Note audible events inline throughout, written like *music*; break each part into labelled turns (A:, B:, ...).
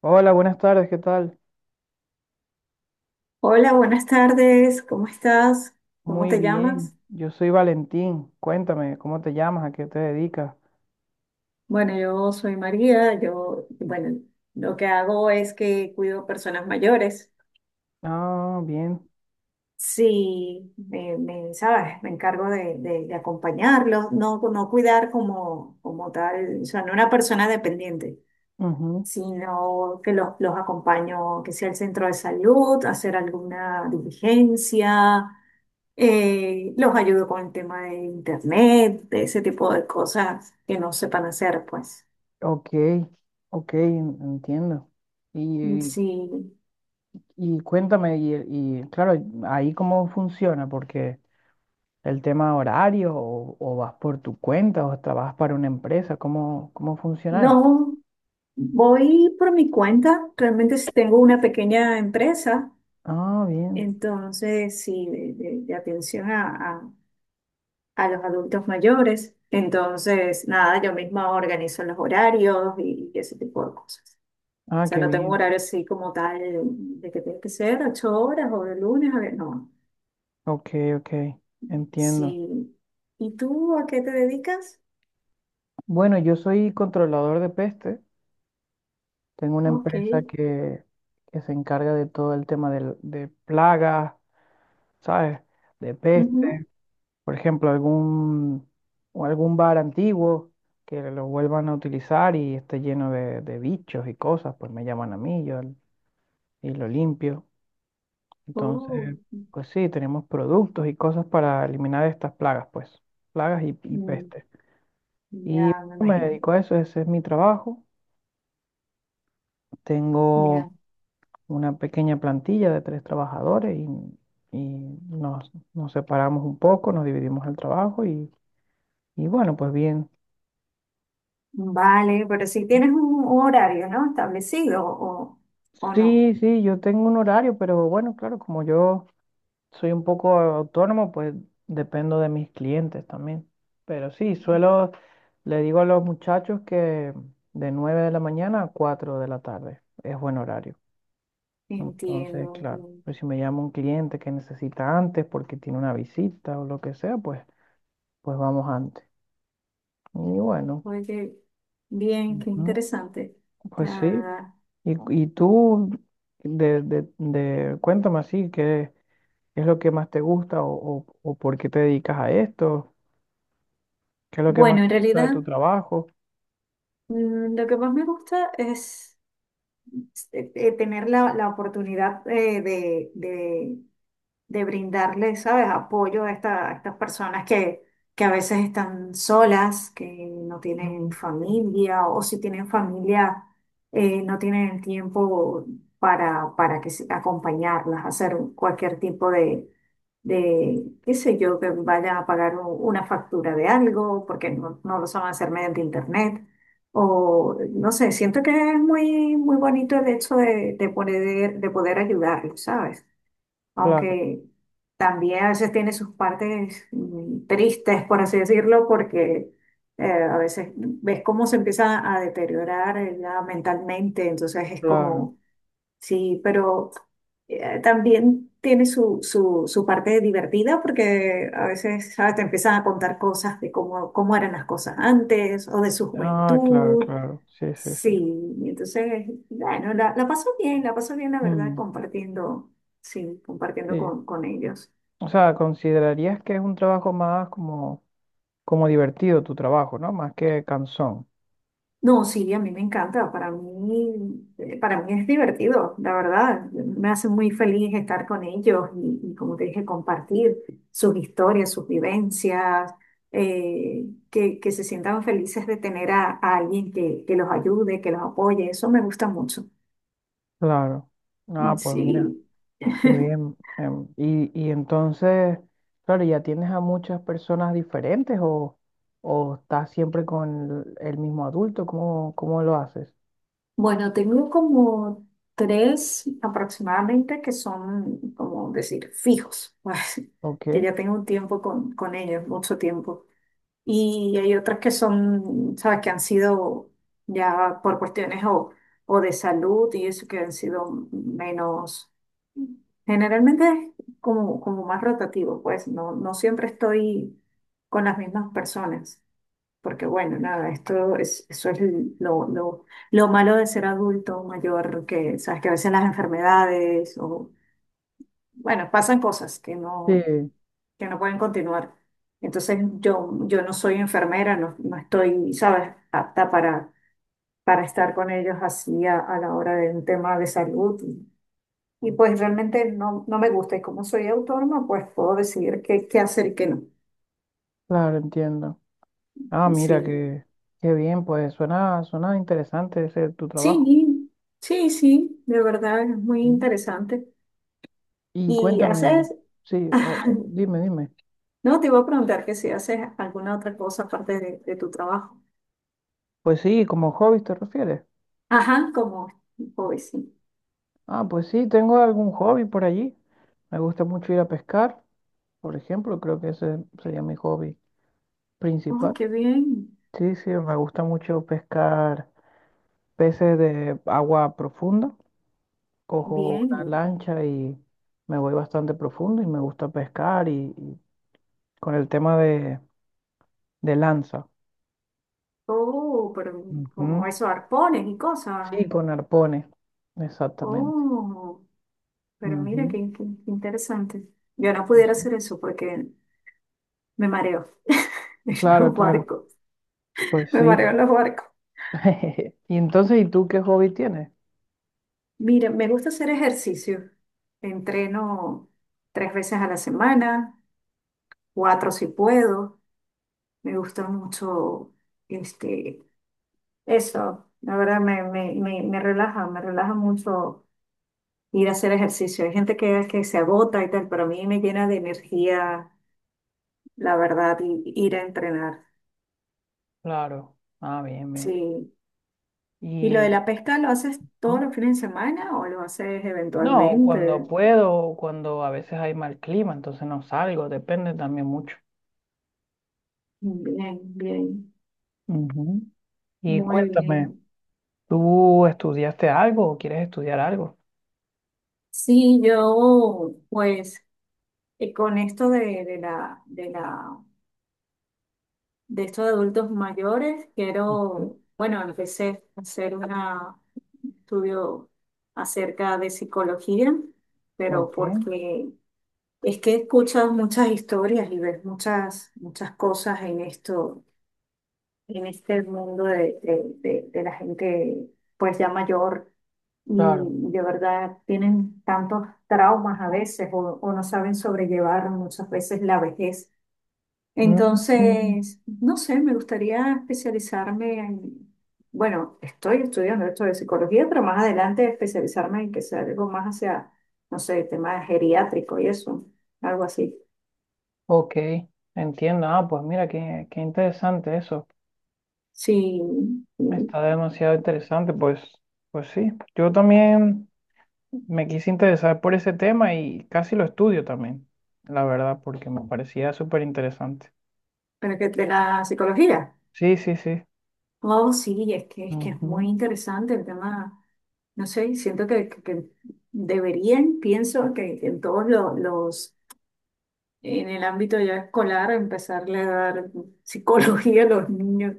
A: Hola, buenas tardes, ¿qué tal?
B: Hola, buenas tardes, ¿cómo estás? ¿Cómo
A: Muy
B: te llamas?
A: bien, yo soy Valentín. Cuéntame, ¿cómo te llamas? ¿A qué te dedicas?
B: Bueno, yo soy María, lo que hago es que cuido personas mayores.
A: Ah, bien.
B: Sí, ¿sabes? Me encargo de acompañarlos, no, no cuidar como tal, o sea, no una persona dependiente,
A: Ujú.
B: sino que los acompaño, que sea el centro de salud, hacer alguna diligencia. Los ayudo con el tema de internet, de ese tipo de cosas que no sepan hacer, pues.
A: Ok, ok, entiendo. Y,
B: Sí,
A: y cuéntame, y claro, ahí cómo funciona, porque el tema horario o vas por tu cuenta o trabajas para una empresa, ¿ cómo funciona eso?
B: no, voy por mi cuenta. Realmente sí tengo una pequeña empresa,
A: Ah, bien.
B: entonces sí, de atención a, a- a los adultos mayores. Entonces, nada, yo misma organizo los horarios y ese tipo de cosas. O
A: Ah,
B: sea,
A: qué
B: no tengo un
A: bien.
B: horario así como tal de que tiene que ser ocho horas o de lunes a ver, no.
A: Ok, ok, entiendo.
B: Sí. ¿Y tú a qué te dedicas?
A: Bueno, yo soy controlador de peste. Tengo una
B: Ok.
A: empresa que se encarga de todo el tema de plagas, ¿sabes? De
B: Ujú.
A: peste, por ejemplo, o algún bar antiguo que lo vuelvan a utilizar y esté lleno de bichos y cosas, pues me llaman a mí, y lo limpio.
B: Oh.
A: Entonces,
B: Mm,
A: pues sí, tenemos productos y cosas para eliminar estas plagas, pues, plagas y
B: mm,
A: peste. Y
B: ya, me
A: me
B: imagino.
A: dedico a eso, ese es mi trabajo. Tengo
B: Ya.
A: una pequeña plantilla de 3 trabajadores y, nos separamos un poco, nos dividimos el trabajo y bueno, pues bien.
B: Vale, pero si tienes un horario, ¿no? Establecido o no.
A: Sí, sí, yo tengo un horario, pero bueno, claro, como yo soy un poco autónomo, pues dependo de mis clientes también. Pero sí, suelo, le digo a los muchachos que de 9 de la mañana a 4 de la tarde es buen horario. Entonces,
B: Entiendo,
A: claro,
B: entiendo.
A: pues si me llama un cliente que necesita antes porque tiene una visita o lo que sea, pues vamos antes. Y bueno,
B: Oye, bien, qué
A: ujú,
B: interesante.
A: pues sí.
B: Ah,
A: Y tú, cuéntame así, ¿qué es lo que más te gusta o o por qué te dedicas a esto? ¿Qué es lo que más
B: bueno, en
A: te gusta de
B: realidad,
A: tu trabajo?
B: lo que más me gusta es tener la oportunidad de, de brindarle, ¿sabes?, apoyo a, a estas personas que a veces están solas, que no tienen
A: Mm.
B: familia, o si tienen familia, no tienen el tiempo para que, acompañarlas, hacer cualquier tipo de, qué sé yo, que vayan a pagar una factura de algo, porque no, no lo saben hacer mediante internet. O no sé, siento que es muy, muy bonito el hecho de poder ayudarlos, ¿sabes?
A: Claro,
B: Aunque también a veces tiene sus partes tristes, por así decirlo, porque a veces ves cómo se empieza a deteriorar ella mentalmente, entonces es
A: claro.
B: como, sí, pero también tiene su, su, su parte divertida porque a veces, ¿sabes?, te empiezan a contar cosas de cómo, cómo eran las cosas antes o de su
A: Ah, claro,
B: juventud.
A: claro. Sí, sí, sí.
B: Sí, y entonces, bueno, la paso bien, la paso bien, la verdad,
A: Mm,
B: compartiendo, sí, compartiendo
A: sí.
B: con ellos.
A: O sea, considerarías que es un trabajo más como, como divertido tu trabajo, ¿no? Más que cansón.
B: No, sí, a mí me encanta, para mí es divertido, la verdad, me hace muy feliz estar con ellos y como te dije, compartir sus historias, sus vivencias, que se sientan felices de tener a alguien que los ayude, que los apoye, eso me gusta mucho.
A: Claro. Ah, pues mira.
B: Sí.
A: Qué
B: *laughs*
A: bien. Y, y entonces, claro, ¿ya tienes a muchas personas diferentes o estás siempre con el mismo adulto? ¿Cómo, cómo lo haces?
B: Bueno, tengo como tres aproximadamente que son, como decir, fijos, *laughs* pues, que
A: Ok.
B: ya tengo un tiempo con ellos, mucho tiempo. Y hay otras que son, sabes, que han sido ya por cuestiones o de salud y eso que han sido menos, generalmente es como, como más rotativo, pues no, no siempre estoy con las mismas personas. Porque bueno, nada, esto es, eso es lo, lo, lo malo de ser adulto mayor, que sabes que a veces las enfermedades o, bueno, pasan cosas
A: Sí,
B: que no pueden continuar. Entonces yo no soy enfermera, no, no estoy, sabes, apta para estar con ellos así a la hora de un tema de salud. Y, pues realmente no, no me gusta. Y como soy autónoma, pues puedo decidir qué, qué hacer y qué no.
A: claro, entiendo. Ah, mira,
B: Sí,
A: qué, qué bien, pues suena, suena interesante ese tu trabajo.
B: sí, sí, sí, de verdad es muy
A: Mm.
B: interesante.
A: Y
B: Y
A: cuéntame,
B: haces,
A: sí, o
B: *laughs*
A: dime, dime.
B: no, te iba a preguntar que si haces alguna otra cosa aparte de tu trabajo.
A: Pues sí, como hobby te refieres.
B: Ajá, como hoy sí.
A: Ah, pues sí, tengo algún hobby por allí. Me gusta mucho ir a pescar, por ejemplo, creo que ese sería mi hobby
B: Oh,
A: principal.
B: qué bien,
A: Sí, sí, me gusta mucho pescar peces de agua profunda. Cojo una
B: bien.
A: lancha y me voy bastante profundo y me gusta pescar y con el tema de lanza.
B: Oh, pero como
A: Ujú.
B: eso, arpones y cosas.
A: Sí, con arpones, exactamente.
B: Oh, pero mira
A: Ujú,
B: qué, qué interesante. Yo no
A: pues
B: pudiera
A: sí.
B: hacer eso porque me mareo *laughs* en
A: Claro,
B: los
A: claro,
B: barcos.
A: pues
B: Me
A: sí.
B: mareo en los barcos.
A: *laughs* Y entonces, ¿y tú qué hobby tienes?
B: Mira, me gusta hacer ejercicio. Entreno tres veces a la semana, cuatro si puedo. Me gusta mucho este, eso. La verdad me relaja mucho ir a hacer ejercicio. Hay gente que se agota y tal, pero a mí me llena de energía, la verdad, y ir a entrenar.
A: Claro. Ah, bien, bien.
B: Sí. ¿Y lo
A: Y
B: de la pesca lo haces todos
A: ujú.
B: los fines de semana o lo haces
A: No, cuando
B: eventualmente?
A: puedo, cuando a veces hay mal clima, entonces no salgo, depende también mucho.
B: Bien, bien,
A: Ujú. Y
B: muy
A: cuéntame,
B: bien.
A: ¿tú estudiaste algo o quieres estudiar algo?
B: Sí, yo, pues, con esto de, de la de estos adultos mayores,
A: Ujú.
B: quiero, bueno, empecé a hacer un estudio acerca de psicología, pero
A: Ok,
B: porque es que he escuchado muchas historias y ves muchas, muchas cosas en esto, en este mundo de, de la gente pues ya mayor y
A: claro.
B: de verdad tienen tantos traumas a veces o no saben sobrellevar muchas veces la vejez.
A: Mm,
B: Entonces, no sé, me gustaría especializarme en, bueno, estoy estudiando esto de psicología, pero más adelante especializarme en que sea algo más hacia, no sé, tema geriátrico y eso, algo así.
A: ok, entiendo. Ah, pues mira, qué, qué interesante eso.
B: Sí, sí,
A: Está demasiado interesante. Pues, pues sí, yo también me quise interesar por ese tema y casi lo estudio también, la verdad, porque me parecía súper interesante.
B: pero que de la psicología.
A: Sí, sí, sí.
B: Oh, sí, es que, es que es muy interesante el tema, no sé, siento que, que deberían, pienso que en todos los en el ámbito ya escolar, empezarle a dar psicología a los niños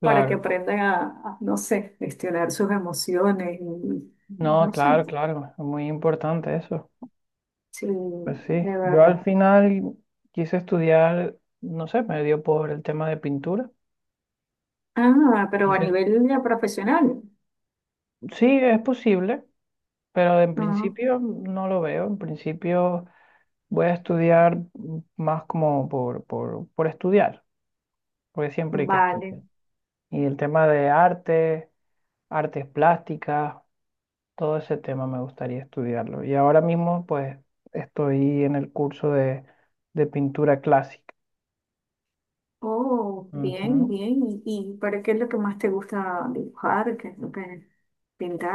B: para que
A: Claro,
B: aprendan a, no sé, gestionar sus emociones, y
A: no,
B: no sé,
A: claro, claro, es muy importante eso.
B: sí,
A: Pues sí,
B: de
A: yo
B: verdad.
A: al final quise estudiar, no sé, me dio por el tema de pintura.
B: Ah, pero a
A: Quise,
B: nivel ya profesional.
A: sí, es posible, pero en
B: Ah,
A: principio no lo veo. En principio voy a estudiar más como por estudiar, porque siempre hay que
B: vale.
A: estudiar. Y el tema de arte, artes plásticas, todo ese tema me gustaría estudiarlo. Y ahora mismo, pues, estoy en el curso de pintura clásica.
B: Oh, bien,
A: Ujú.
B: bien. Y para qué es lo que más te gusta dibujar? ¿Qué es lo que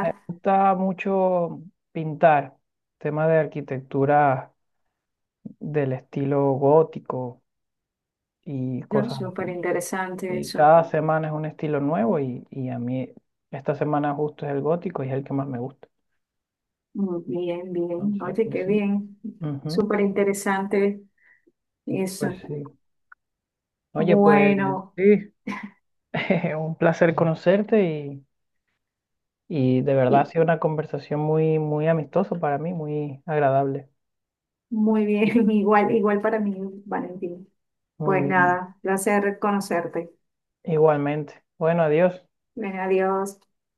A: Me gusta mucho pintar, temas de arquitectura del estilo gótico y
B: Yo,
A: cosas
B: súper
A: así.
B: interesante
A: Y
B: eso.
A: cada semana es un estilo nuevo y a mí esta semana justo es el gótico y es el que más me gusta.
B: Mm, bien, bien.
A: Entonces,
B: Oye,
A: pues
B: qué
A: sí.
B: bien.
A: Ujú.
B: Súper interesante
A: Pues
B: eso.
A: sí. Oye, pues
B: Bueno,
A: sí, *laughs* un placer conocerte. Y de verdad ha
B: y
A: sido una conversación muy, muy amistosa para mí, muy agradable.
B: muy bien, *laughs* igual, igual para mí, Valentín. Pues
A: Muy bien.
B: nada, placer conocerte.
A: Igualmente. Bueno, adiós.
B: Ven, adiós.